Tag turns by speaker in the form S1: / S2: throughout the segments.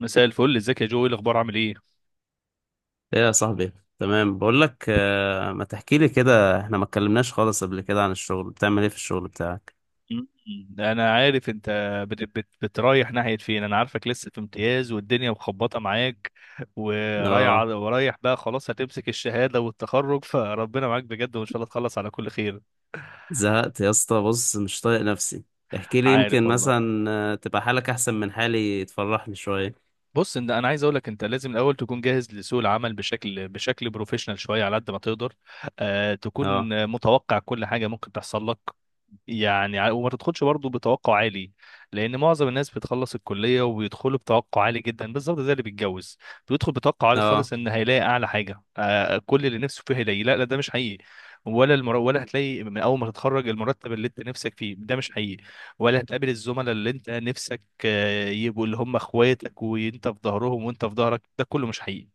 S1: مساء الفل، ازيك يا جو؟ ايه الاخبار؟ عامل ايه؟
S2: ايه يا صاحبي؟ تمام بقول لك، ما تحكي لي كده. احنا ما اتكلمناش خالص قبل كده عن الشغل. بتعمل ايه في الشغل بتاعك؟
S1: مم. انا عارف انت بت بت بترايح ناحيه فين. انا عارفك لسه في امتياز والدنيا مخبطه معاك
S2: اه.
S1: ورايح. بقى خلاص هتمسك الشهاده والتخرج، فربنا معاك بجد وان شاء الله تخلص على كل خير.
S2: زهقت يا اسطى، بص مش طايق نفسي. احكي لي
S1: عارف
S2: يمكن
S1: والله،
S2: مثلا، تبقى حالك احسن من حالي، تفرحني شوية.
S1: بص انت، انا عايز اقول لك انت لازم الاول تكون جاهز لسوق العمل بشكل بروفيشنال شويه على قد ما تقدر. آه، تكون
S2: اه،
S1: متوقع كل حاجه ممكن تحصل لك. يعني وما تدخلش برضه بتوقع عالي، لان معظم الناس بتخلص الكليه وبيدخلوا بتوقع عالي جدا. بالظبط زي اللي بيتجوز، بيدخل بتوقع عالي
S2: اه،
S1: خالص ان هيلاقي اعلى حاجه، آه، كل اللي نفسه فيه هيلاقيه. لا لا، ده مش حقيقي. ولا هتلاقي من اول ما تتخرج المرتب اللي انت نفسك فيه، ده مش حقيقي. ولا هتقابل الزملاء اللي انت نفسك يبقوا اللي هم اخواتك وانت في ظهرهم وانت في ظهرك، ده كله مش حقيقي.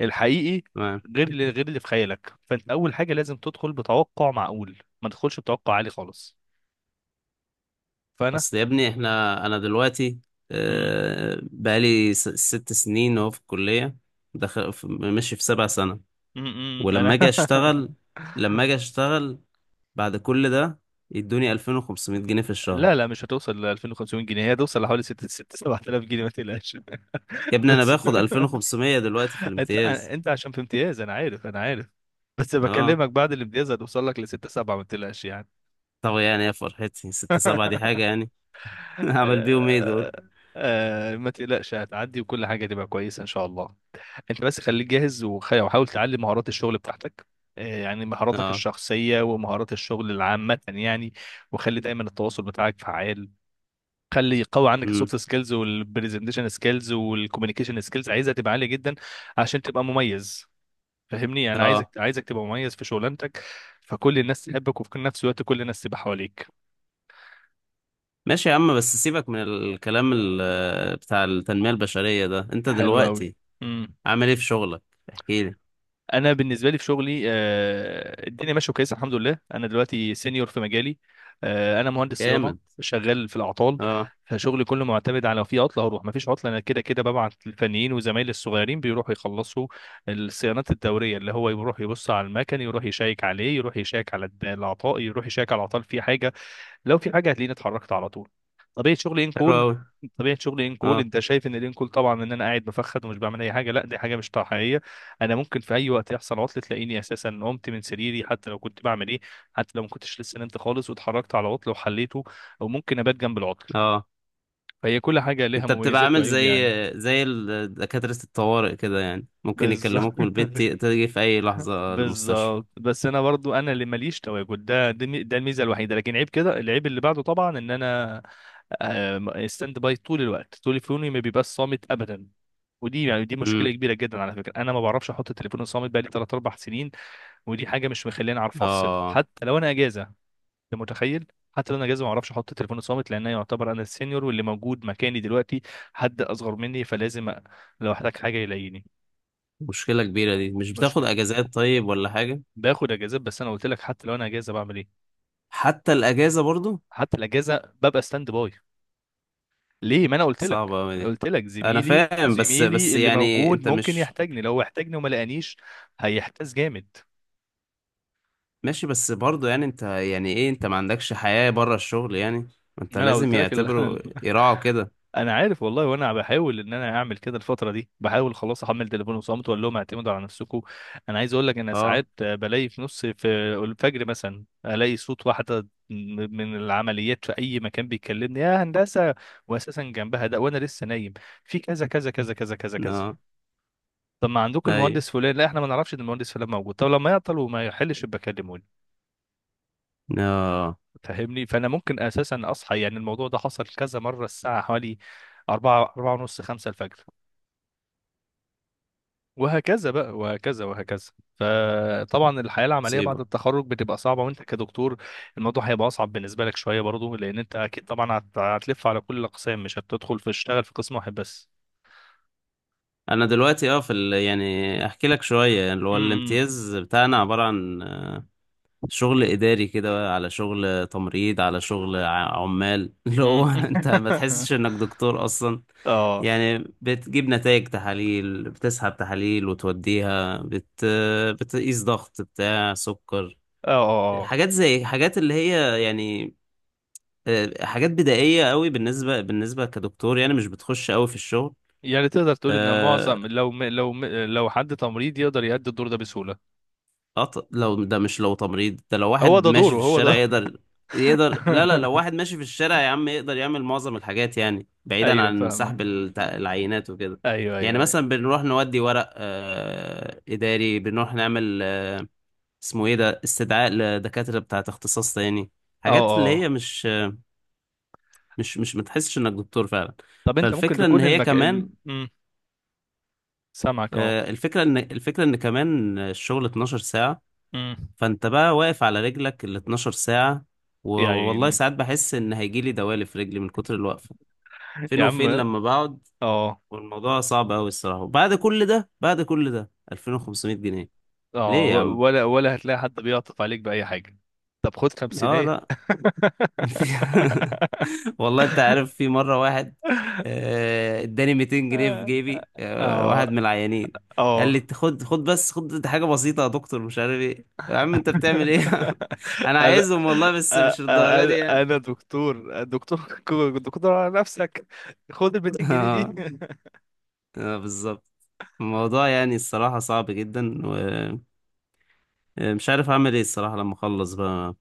S1: الحقيقي
S2: تمام.
S1: غير اللي غير اللي في خيالك. فانت اول حاجه لازم تدخل بتوقع معقول، ما تدخلش بتوقع عالي خالص. فانا
S2: اصل يا ابني انا دلوقتي،
S1: مم،
S2: بقالي ست سنين اهو في الكلية. ماشي في سبع سنة.
S1: انا
S2: ولما اجي اشتغل، لما اجي اشتغل بعد كل ده، يدوني 2500 جنيه في
S1: لا
S2: الشهر.
S1: لا، مش هتوصل ل 2500 جنيه، هي هتوصل لحوالي 6 7000 جنيه، ما تقلقش.
S2: يا ابني انا
S1: بس
S2: باخد 2500 دلوقتي في
S1: انت
S2: الامتياز.
S1: انت عشان في امتياز، انا عارف، انا عارف. بس
S2: اه.
S1: بكلمك بعد الامتياز هتوصل لك ل 6 7، ما تقلقش يعني.
S2: طب يعني يا فرحتي، ستة سبعة دي حاجة يعني؟ هعمل بيهم ايه
S1: آه،
S2: دول؟
S1: ما تقلقش، هتعدي وكل حاجه تبقى كويسه ان شاء الله. انت بس خليك جاهز وحاول تعلي مهارات الشغل بتاعتك. آه، يعني مهاراتك
S2: اه.
S1: الشخصية ومهارات الشغل العامة يعني. وخلي دايما التواصل بتاعك فعال، خلي يقوي عندك
S2: امم.
S1: السوفت سكيلز والبرزنتيشن سكيلز والكوميونيكيشن سكيلز، عايزها تبقى عالية جدا عشان تبقى مميز. فاهمني؟ انا عايزك
S2: اه.
S1: عايزك تبقى مميز في شغلانتك، فكل الناس تحبك وفي نفس الوقت كل الناس تبقى حواليك.
S2: ماشي يا عم، بس سيبك من الكلام، بتاع التنمية البشرية ده. انت
S1: حلو قوي.
S2: دلوقتي عامل ايه في شغلك؟ احكي لي.
S1: انا بالنسبه لي في شغلي، آه، الدنيا ماشيه كويسه الحمد لله. انا دلوقتي سينيور في مجالي، آه، انا مهندس صيانه،
S2: جامد.
S1: شغال في الاعطال.
S2: اه.
S1: فشغلي كله معتمد على لو في عطله هروح، ما فيش عطله انا كده كده ببعت الفنيين وزمايلي الصغيرين بيروحوا يخلصوا الصيانات الدوريه، اللي هو يروح يبص على المكن، يروح يشيك عليه، يروح يشيك على الاعطال، يروح يشيك على الاعطال، في حاجه لو في حاجه هتلاقيني اتحركت على طول. طبيعه شغلي ان
S2: حلو
S1: كول
S2: اوي.
S1: طبيعه شغلي ان كول.
S2: اه.
S1: انت شايف ان الان كول طبعا، ان انا قاعد بفخد ومش بعمل اي حاجه؟ لا، دي حاجه مش حقيقيه. انا ممكن في اي وقت يحصل عطل تلاقيني اساسا قمت من سريري حتى لو كنت بعمل ايه، حتى لو ما كنتش لسه نمت خالص واتحركت على عطل وحليته، او ممكن ابات جنب العطل.
S2: اه.
S1: فهي كل حاجه لها
S2: انت بتبقى
S1: مميزات
S2: عامل
S1: وعيوب
S2: زي،
S1: يعني.
S2: دكاترة الطوارئ كده، يعني ممكن
S1: بالظبط.
S2: يكلموك من البيت، تيجي في اي لحظة المستشفى.
S1: بالظبط. بس انا برضو، انا اللي ماليش تواجد ده الميزه الوحيده، لكن عيب كده العيب اللي بعده طبعا ان انا، آه، ستاند باي طول الوقت، تليفوني ما بيبقاش صامت ابدا. ودي يعني دي مشكله
S2: امم.
S1: كبيره جدا على فكره. انا ما بعرفش احط التليفون صامت بقالي 3 4 سنين. ودي حاجه مش مخليني اعرف افصل
S2: اه.
S1: حتى لو انا اجازه. انت متخيل؟ حتى لو انا اجازه ما اعرفش احط التليفون صامت، لان أنا يعتبر انا السينيور واللي موجود مكاني دلوقتي حد اصغر مني، لو احتاج حاجه يلاقيني.
S2: مشكلة كبيرة دي، مش بتاخد اجازات طيب ولا حاجة؟
S1: باخد اجازات بس انا قلت لك، حتى لو انا اجازه بعمل ايه،
S2: حتى الاجازة برضو؟
S1: حتى الاجازه ببقى ستاند باي. ليه؟ ما انا قلت لك،
S2: صعبة اوي دي.
S1: قلت لك،
S2: انا
S1: زميلي
S2: فاهم، بس
S1: زميلي اللي
S2: يعني
S1: موجود
S2: انت
S1: ممكن
S2: مش.
S1: يحتاجني، لو احتاجني وما لقانيش هيحتاج جامد.
S2: ماشي بس برضو، يعني انت يعني ايه، انت ما عندكش حياة بره الشغل يعني؟ ما انت
S1: ما انا
S2: لازم
S1: قلت لك
S2: يعتبروا، يراعوا كده.
S1: انا عارف والله، وانا بحاول ان انا اعمل كده الفتره دي، بحاول خلاص احمل تليفون وصمت واقول لهم اعتمدوا على نفسكم. انا عايز اقول لك، انا
S2: اه.
S1: ساعات بلاقي في نص في الفجر مثلا الاقي صوت واحده من العمليات في اي مكان بيكلمني: يا هندسه، واساسا جنبها ده وانا لسه نايم، في كذا كذا كذا كذا كذا كذا.
S2: اه.
S1: طب ما عندكم
S2: اي.
S1: المهندس فلان؟ لا احنا ما نعرفش ان المهندس فلان موجود. طب لما يعطل وما يحلش يبقى كلموني.
S2: اه.
S1: فاهمني؟ فانا ممكن اساسا اصحى يعني، الموضوع ده حصل كذا مره الساعه حوالي 4 ونص 5 الفجر، وهكذا بقى وهكذا وهكذا. فطبعا الحياة العملية بعد
S2: مصيبة.
S1: التخرج بتبقى صعبة، وانت كدكتور الموضوع هيبقى اصعب بالنسبة لك شوية برضو، لان انت اكيد طبعا هتلف على كل الاقسام، مش هتدخل في تشتغل في قسم واحد بس.
S2: انا دلوقتي، يعني احكي لك شوية. يعني اللي هو
S1: امم.
S2: الامتياز بتاعنا عبارة عن شغل إداري كده، على شغل تمريض، على شغل عمال. اللي هو أنت ما
S1: اه،
S2: تحسش إنك دكتور أصلا.
S1: اه،
S2: يعني بتجيب نتائج تحاليل، بتسحب تحاليل وتوديها بتقيس ضغط، بتاع سكر.
S1: اه. آه.
S2: حاجات زي حاجات اللي هي يعني. حاجات بدائية قوي، بالنسبة كدكتور. يعني مش بتخش قوي في الشغل.
S1: يعني تقدر تقول ان
S2: آه،
S1: معظم، لو حد تمريض يقدر يأدي الدور ده بسهولة.
S2: لو ده مش، لو تمريض ده، لو
S1: هو
S2: واحد
S1: ده
S2: ماشي
S1: دوره،
S2: في
S1: هو ده.
S2: الشارع يقدر. يقدر، لا لا، لو واحد ماشي في الشارع يا عم يقدر يعمل معظم الحاجات، يعني بعيدا
S1: ايوه
S2: عن
S1: فاهمك.
S2: سحب العينات وكده.
S1: ايوه،
S2: يعني
S1: ايوه، ايوه.
S2: مثلا بنروح نودي ورق إداري. بنروح نعمل، اسمه إيه ده، استدعاء لدكاترة بتاعة اختصاص تاني.
S1: اه،
S2: حاجات اللي
S1: اه.
S2: هي مش متحسش إنك دكتور فعلا.
S1: طب انت ممكن
S2: فالفكرة إن
S1: تكون
S2: هي
S1: المك... الم...
S2: كمان.
S1: مم. سامعك.
S2: الفكرة إن، كمان الشغل 12 ساعة.
S1: اه،
S2: فانت بقى واقف على رجلك ال 12 ساعة. والله
S1: يعني،
S2: ساعات بحس ان هيجيلي دوالي في رجلي من كتر الوقفة. فين
S1: يا عم.
S2: وفين لما بقعد.
S1: اه،
S2: والموضوع صعب قوي الصراحة، وبعد كل ده، بعد كل ده 2500 جنيه.
S1: اه،
S2: ليه يا عم؟
S1: ولا ولا هتلاقي حد بيعطف عليك بأي حاجة. طب خد
S2: اه،
S1: خمسينية.
S2: لا. في- والله انت عارف، في مرة واحد اداني 200 جنيه في
S1: اه،
S2: جيبي، واحد من العيانين. قال
S1: اه.
S2: لي خد خد بس خد، دي حاجة بسيطة يا دكتور. مش عارف ايه، يا عم انت بتعمل ايه؟ انا
S1: انا أ-
S2: عايزهم والله بس
S1: أ-
S2: مش للدرجة دي
S1: انا
S2: يعني.
S1: أنا دكتور، دكتور، دكتور على نفسك، خد ال 200 جنيه دي.
S2: اه، بالظبط. الموضوع يعني الصراحة صعب جدا. ومش عارف أعمل إيه الصراحة لما أخلص بقى.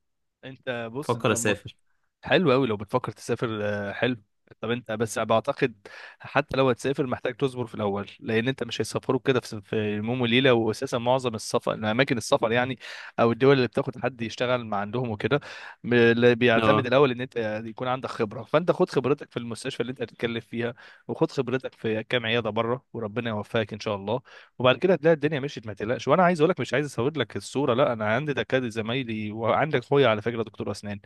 S1: انت بص،
S2: بفكر
S1: انت
S2: أسافر.
S1: حلو قوي لو بتفكر تسافر، آه، حلو. طب انت بس بعتقد، حتى لو هتسافر محتاج تصبر في الاول، لان انت مش هيسافروك كده في يوم وليله، واساسا معظم السفر اماكن السفر يعني، او الدول اللي بتاخد حد يشتغل مع عندهم وكده، اللي بيعتمد
S2: أه،
S1: الاول ان انت يكون عندك خبره، فانت خد خبرتك في المستشفى اللي انت هتتكلم فيها، وخد خبرتك في كام عياده بره، وربنا يوفقك ان شاء الله. وبعد كده هتلاقي الدنيا مشيت ما تقلقش. وانا عايز اقول لك، مش عايز اصور لك الصوره، لا انا عندي دكاتره زمايلي، وعندك اخويا على فكره دكتور اسنان،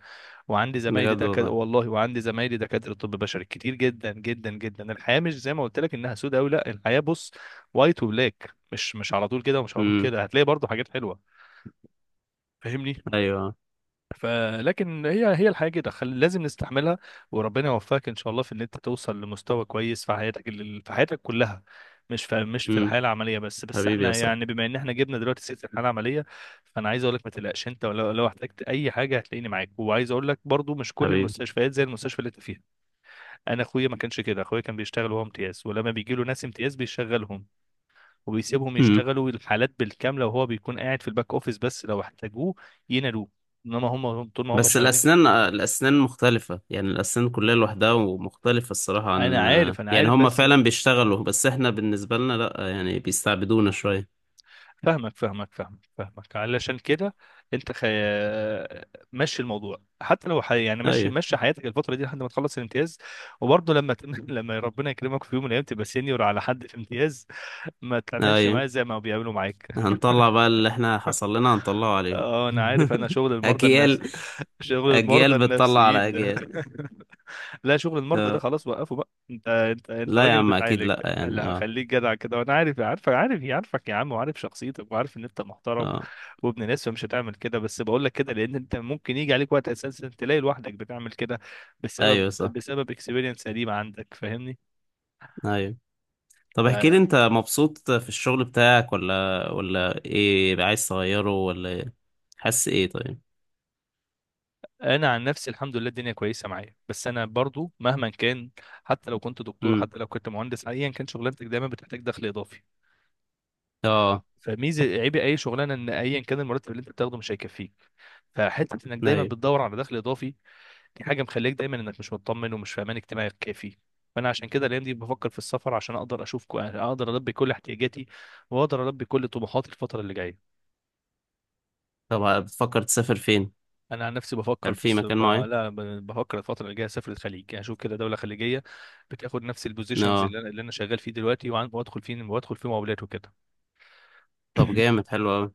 S1: وعندي زمايلي
S2: بجد
S1: دكاتره
S2: والله.
S1: والله، وعندي زمايلي دكاتره طب بشري كتير جدا جدا جدا. الحياه مش زي ما قلت لك انها سودة، او لا الحياه بص، وايت وبلاك، مش على طول كده، ومش على طول
S2: أمم.
S1: كده، هتلاقي برضو حاجات حلوه. فاهمني؟
S2: أيوه.
S1: فلكن هي الحياه كده، لازم نستحملها. وربنا يوفقك ان شاء الله في ان انت توصل لمستوى كويس في حياتك، في حياتك كلها، مش في، مش في
S2: أمم.
S1: الحياه العمليه بس. بس
S2: حبيبي يا
S1: احنا
S2: صاحبي.
S1: يعني بما ان احنا جبنا دلوقتي سيره الحياه العمليه، فانا عايز اقول لك ما تقلقش انت، ولو احتجت اي حاجه هتلاقيني معاك. وعايز اقول لك برضو، مش كل
S2: حبيبي.
S1: المستشفيات زي المستشفى اللي انت فيها. انا اخويا ما كانش كده، اخويا كان بيشتغل وهو امتياز، ولما بيجي له ناس امتياز بيشغلهم وبيسيبهم
S2: أمم.
S1: يشتغلوا الحالات بالكامله، وهو بيكون قاعد في الباك اوفيس بس لو احتاجوه ينادوه، انما هم طول ما هم
S2: بس
S1: شغالين.
S2: الأسنان، الأسنان مختلفة، يعني الأسنان كلها لوحدها ومختلفة الصراحة
S1: انا
S2: عن.
S1: عارف، انا
S2: يعني
S1: عارف
S2: هما
S1: بس.
S2: فعلا بيشتغلوا بس إحنا بالنسبة لنا لأ، يعني بيستعبدونا شوية.
S1: فاهمك، فاهمك، فاهمك، فاهمك، علشان كده انت مشي الموضوع، حتى لو يعني مشي
S2: أيوه،
S1: حياتك الفتره دي لحد ما تخلص الامتياز. وبرضه لما لما ربنا يكرمك في يوم من الايام تبقى سينيور على حد في امتياز، ما تعملش معاه
S2: أيوه.
S1: زي ما بيعملوا معاك.
S2: هنطلع بقى اللي احنا حصل لنا هنطلعه عليهم.
S1: اه، انا عارف، انا شغل المرضى النفس
S2: اجيال.
S1: شغل المرضى
S2: اجيال بتطلع على
S1: النفسيين ده.
S2: اجيال.
S1: لا، شغل المرضى ده
S2: اه،
S1: خلاص وقفه بقى، انت انت
S2: لا يا
S1: راجل
S2: عم اكيد
S1: بتعالج.
S2: لا، يعني
S1: لا
S2: اه.
S1: خليك جدع كده، وانا عارف، عارفك، عارفك يا عم، وعارف شخصيتك، وعارف ان انت محترم
S2: اه،
S1: وابن ناس، فمش هتعمل كده. بس بقول لك كده لان انت ممكن يجي عليك وقت اساسا تلاقي لوحدك بتعمل كده بسبب
S2: ايوه صح.
S1: بسبب اكسبيرينس قديمه عندك. فاهمني؟
S2: ايوه. طب احكي لي،
S1: فانا
S2: انت مبسوط في الشغل بتاعك ولا، ايه، عايز تغيره ولا إيه؟ حاسس ايه طيب؟
S1: عن نفسي الحمد لله الدنيا كويسه معايا، بس انا برضو مهما كان، حتى لو كنت دكتور،
S2: امم.
S1: حتى لو كنت مهندس، ايا كان شغلانتك دايما بتحتاج دخل اضافي.
S2: اه.
S1: فميزه عيب اي شغلانه ان ايا كان المرتب اللي انت بتاخده مش هيكفيك، فحته انك دايما
S2: ايوه.
S1: بتدور على دخل اضافي. دي حاجه مخليك دايما انك مش مطمن ومش في امان اجتماعي كافي. فانا عشان كده الايام دي بفكر في السفر، عشان اقدر اشوف اقدر البي كل احتياجاتي، واقدر البي كل طموحاتي الفتره اللي جايه.
S2: طب بتفكر تسافر فين؟
S1: انا عن نفسي بفكر
S2: هل
S1: في
S2: في
S1: الس...
S2: مكان
S1: ب...
S2: معين؟
S1: لا ب- بفكر الفتره اللي جايه اسافر الخليج، يعني اشوف كده دوله خليجيه بتاخد نفس البوزيشنز
S2: اه.
S1: اللي انا اللي انا شغال فيه دلوقتي، وادخل فيه مقاولات وكده.
S2: طب جامد، حلو أوي.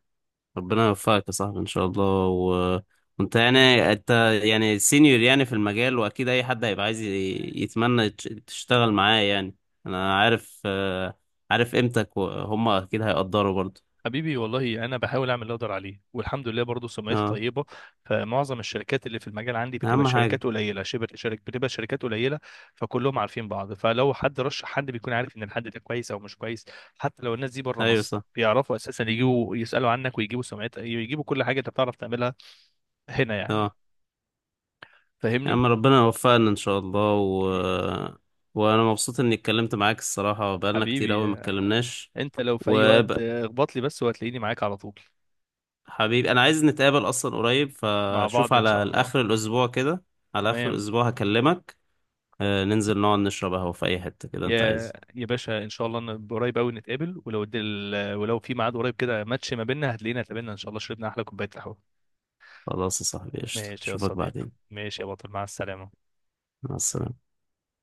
S2: ربنا يوفقك يا صاحبي ان شاء الله. وانت يعني، يعني سينيور يعني في المجال، واكيد اي حد هيبقى عايز، يتمنى تشتغل معاه يعني. انا عارف. عارف قيمتك، وهم اكيد هيقدروا برضه.
S1: حبيبي والله انا بحاول اعمل اللي اقدر عليه، والحمد لله برضه سمعتي
S2: اه.
S1: طيبه. فمعظم الشركات اللي في المجال عندي بتبقى
S2: اهم حاجة.
S1: شركات قليله، شبه شركة، بتبقى شركات قليله، فكلهم عارفين بعض. فلو حد رشح حد بيكون عارف ان الحد ده كويس او مش كويس. حتى لو الناس دي بره
S2: ايوه
S1: مصر
S2: صح.
S1: بيعرفوا اساسا يجيبوا يسالوا عنك، ويجيبوا سمعتك، يجيبوا كل حاجه انت بتعرف تعملها هنا يعني.
S2: اه. يا
S1: فاهمني؟
S2: عم ربنا يوفقنا ان شاء الله.
S1: يا
S2: وانا مبسوط اني اتكلمت معاك الصراحة، بقالنا كتير قوي ما
S1: حبيبي،
S2: اتكلمناش.
S1: انت لو في
S2: و
S1: اي وقت اخبط لي بس، وهتلاقيني معاك على طول.
S2: حبيبي انا عايز نتقابل اصلا قريب،
S1: مع
S2: فشوف
S1: بعض ان شاء
S2: على
S1: الله.
S2: اخر الاسبوع كده. على اخر
S1: تمام.
S2: الاسبوع هكلمك. ننزل نقعد نشرب قهوة في اي حتة كده انت
S1: يا
S2: عايز.
S1: يا باشا ان شاء الله إن قريب قوي نتقابل، ولو ولو في ميعاد قريب كده ماتش ما بيننا هتلاقينا اتقابلنا ان شاء الله، شربنا احلى كوبايه قهوه.
S2: خلاص يا صاحبي، قشطة،
S1: ماشي يا
S2: اشوفك
S1: صديقي،
S2: بعدين.
S1: ماشي يا بطل، مع السلامه.
S2: مع السلامة.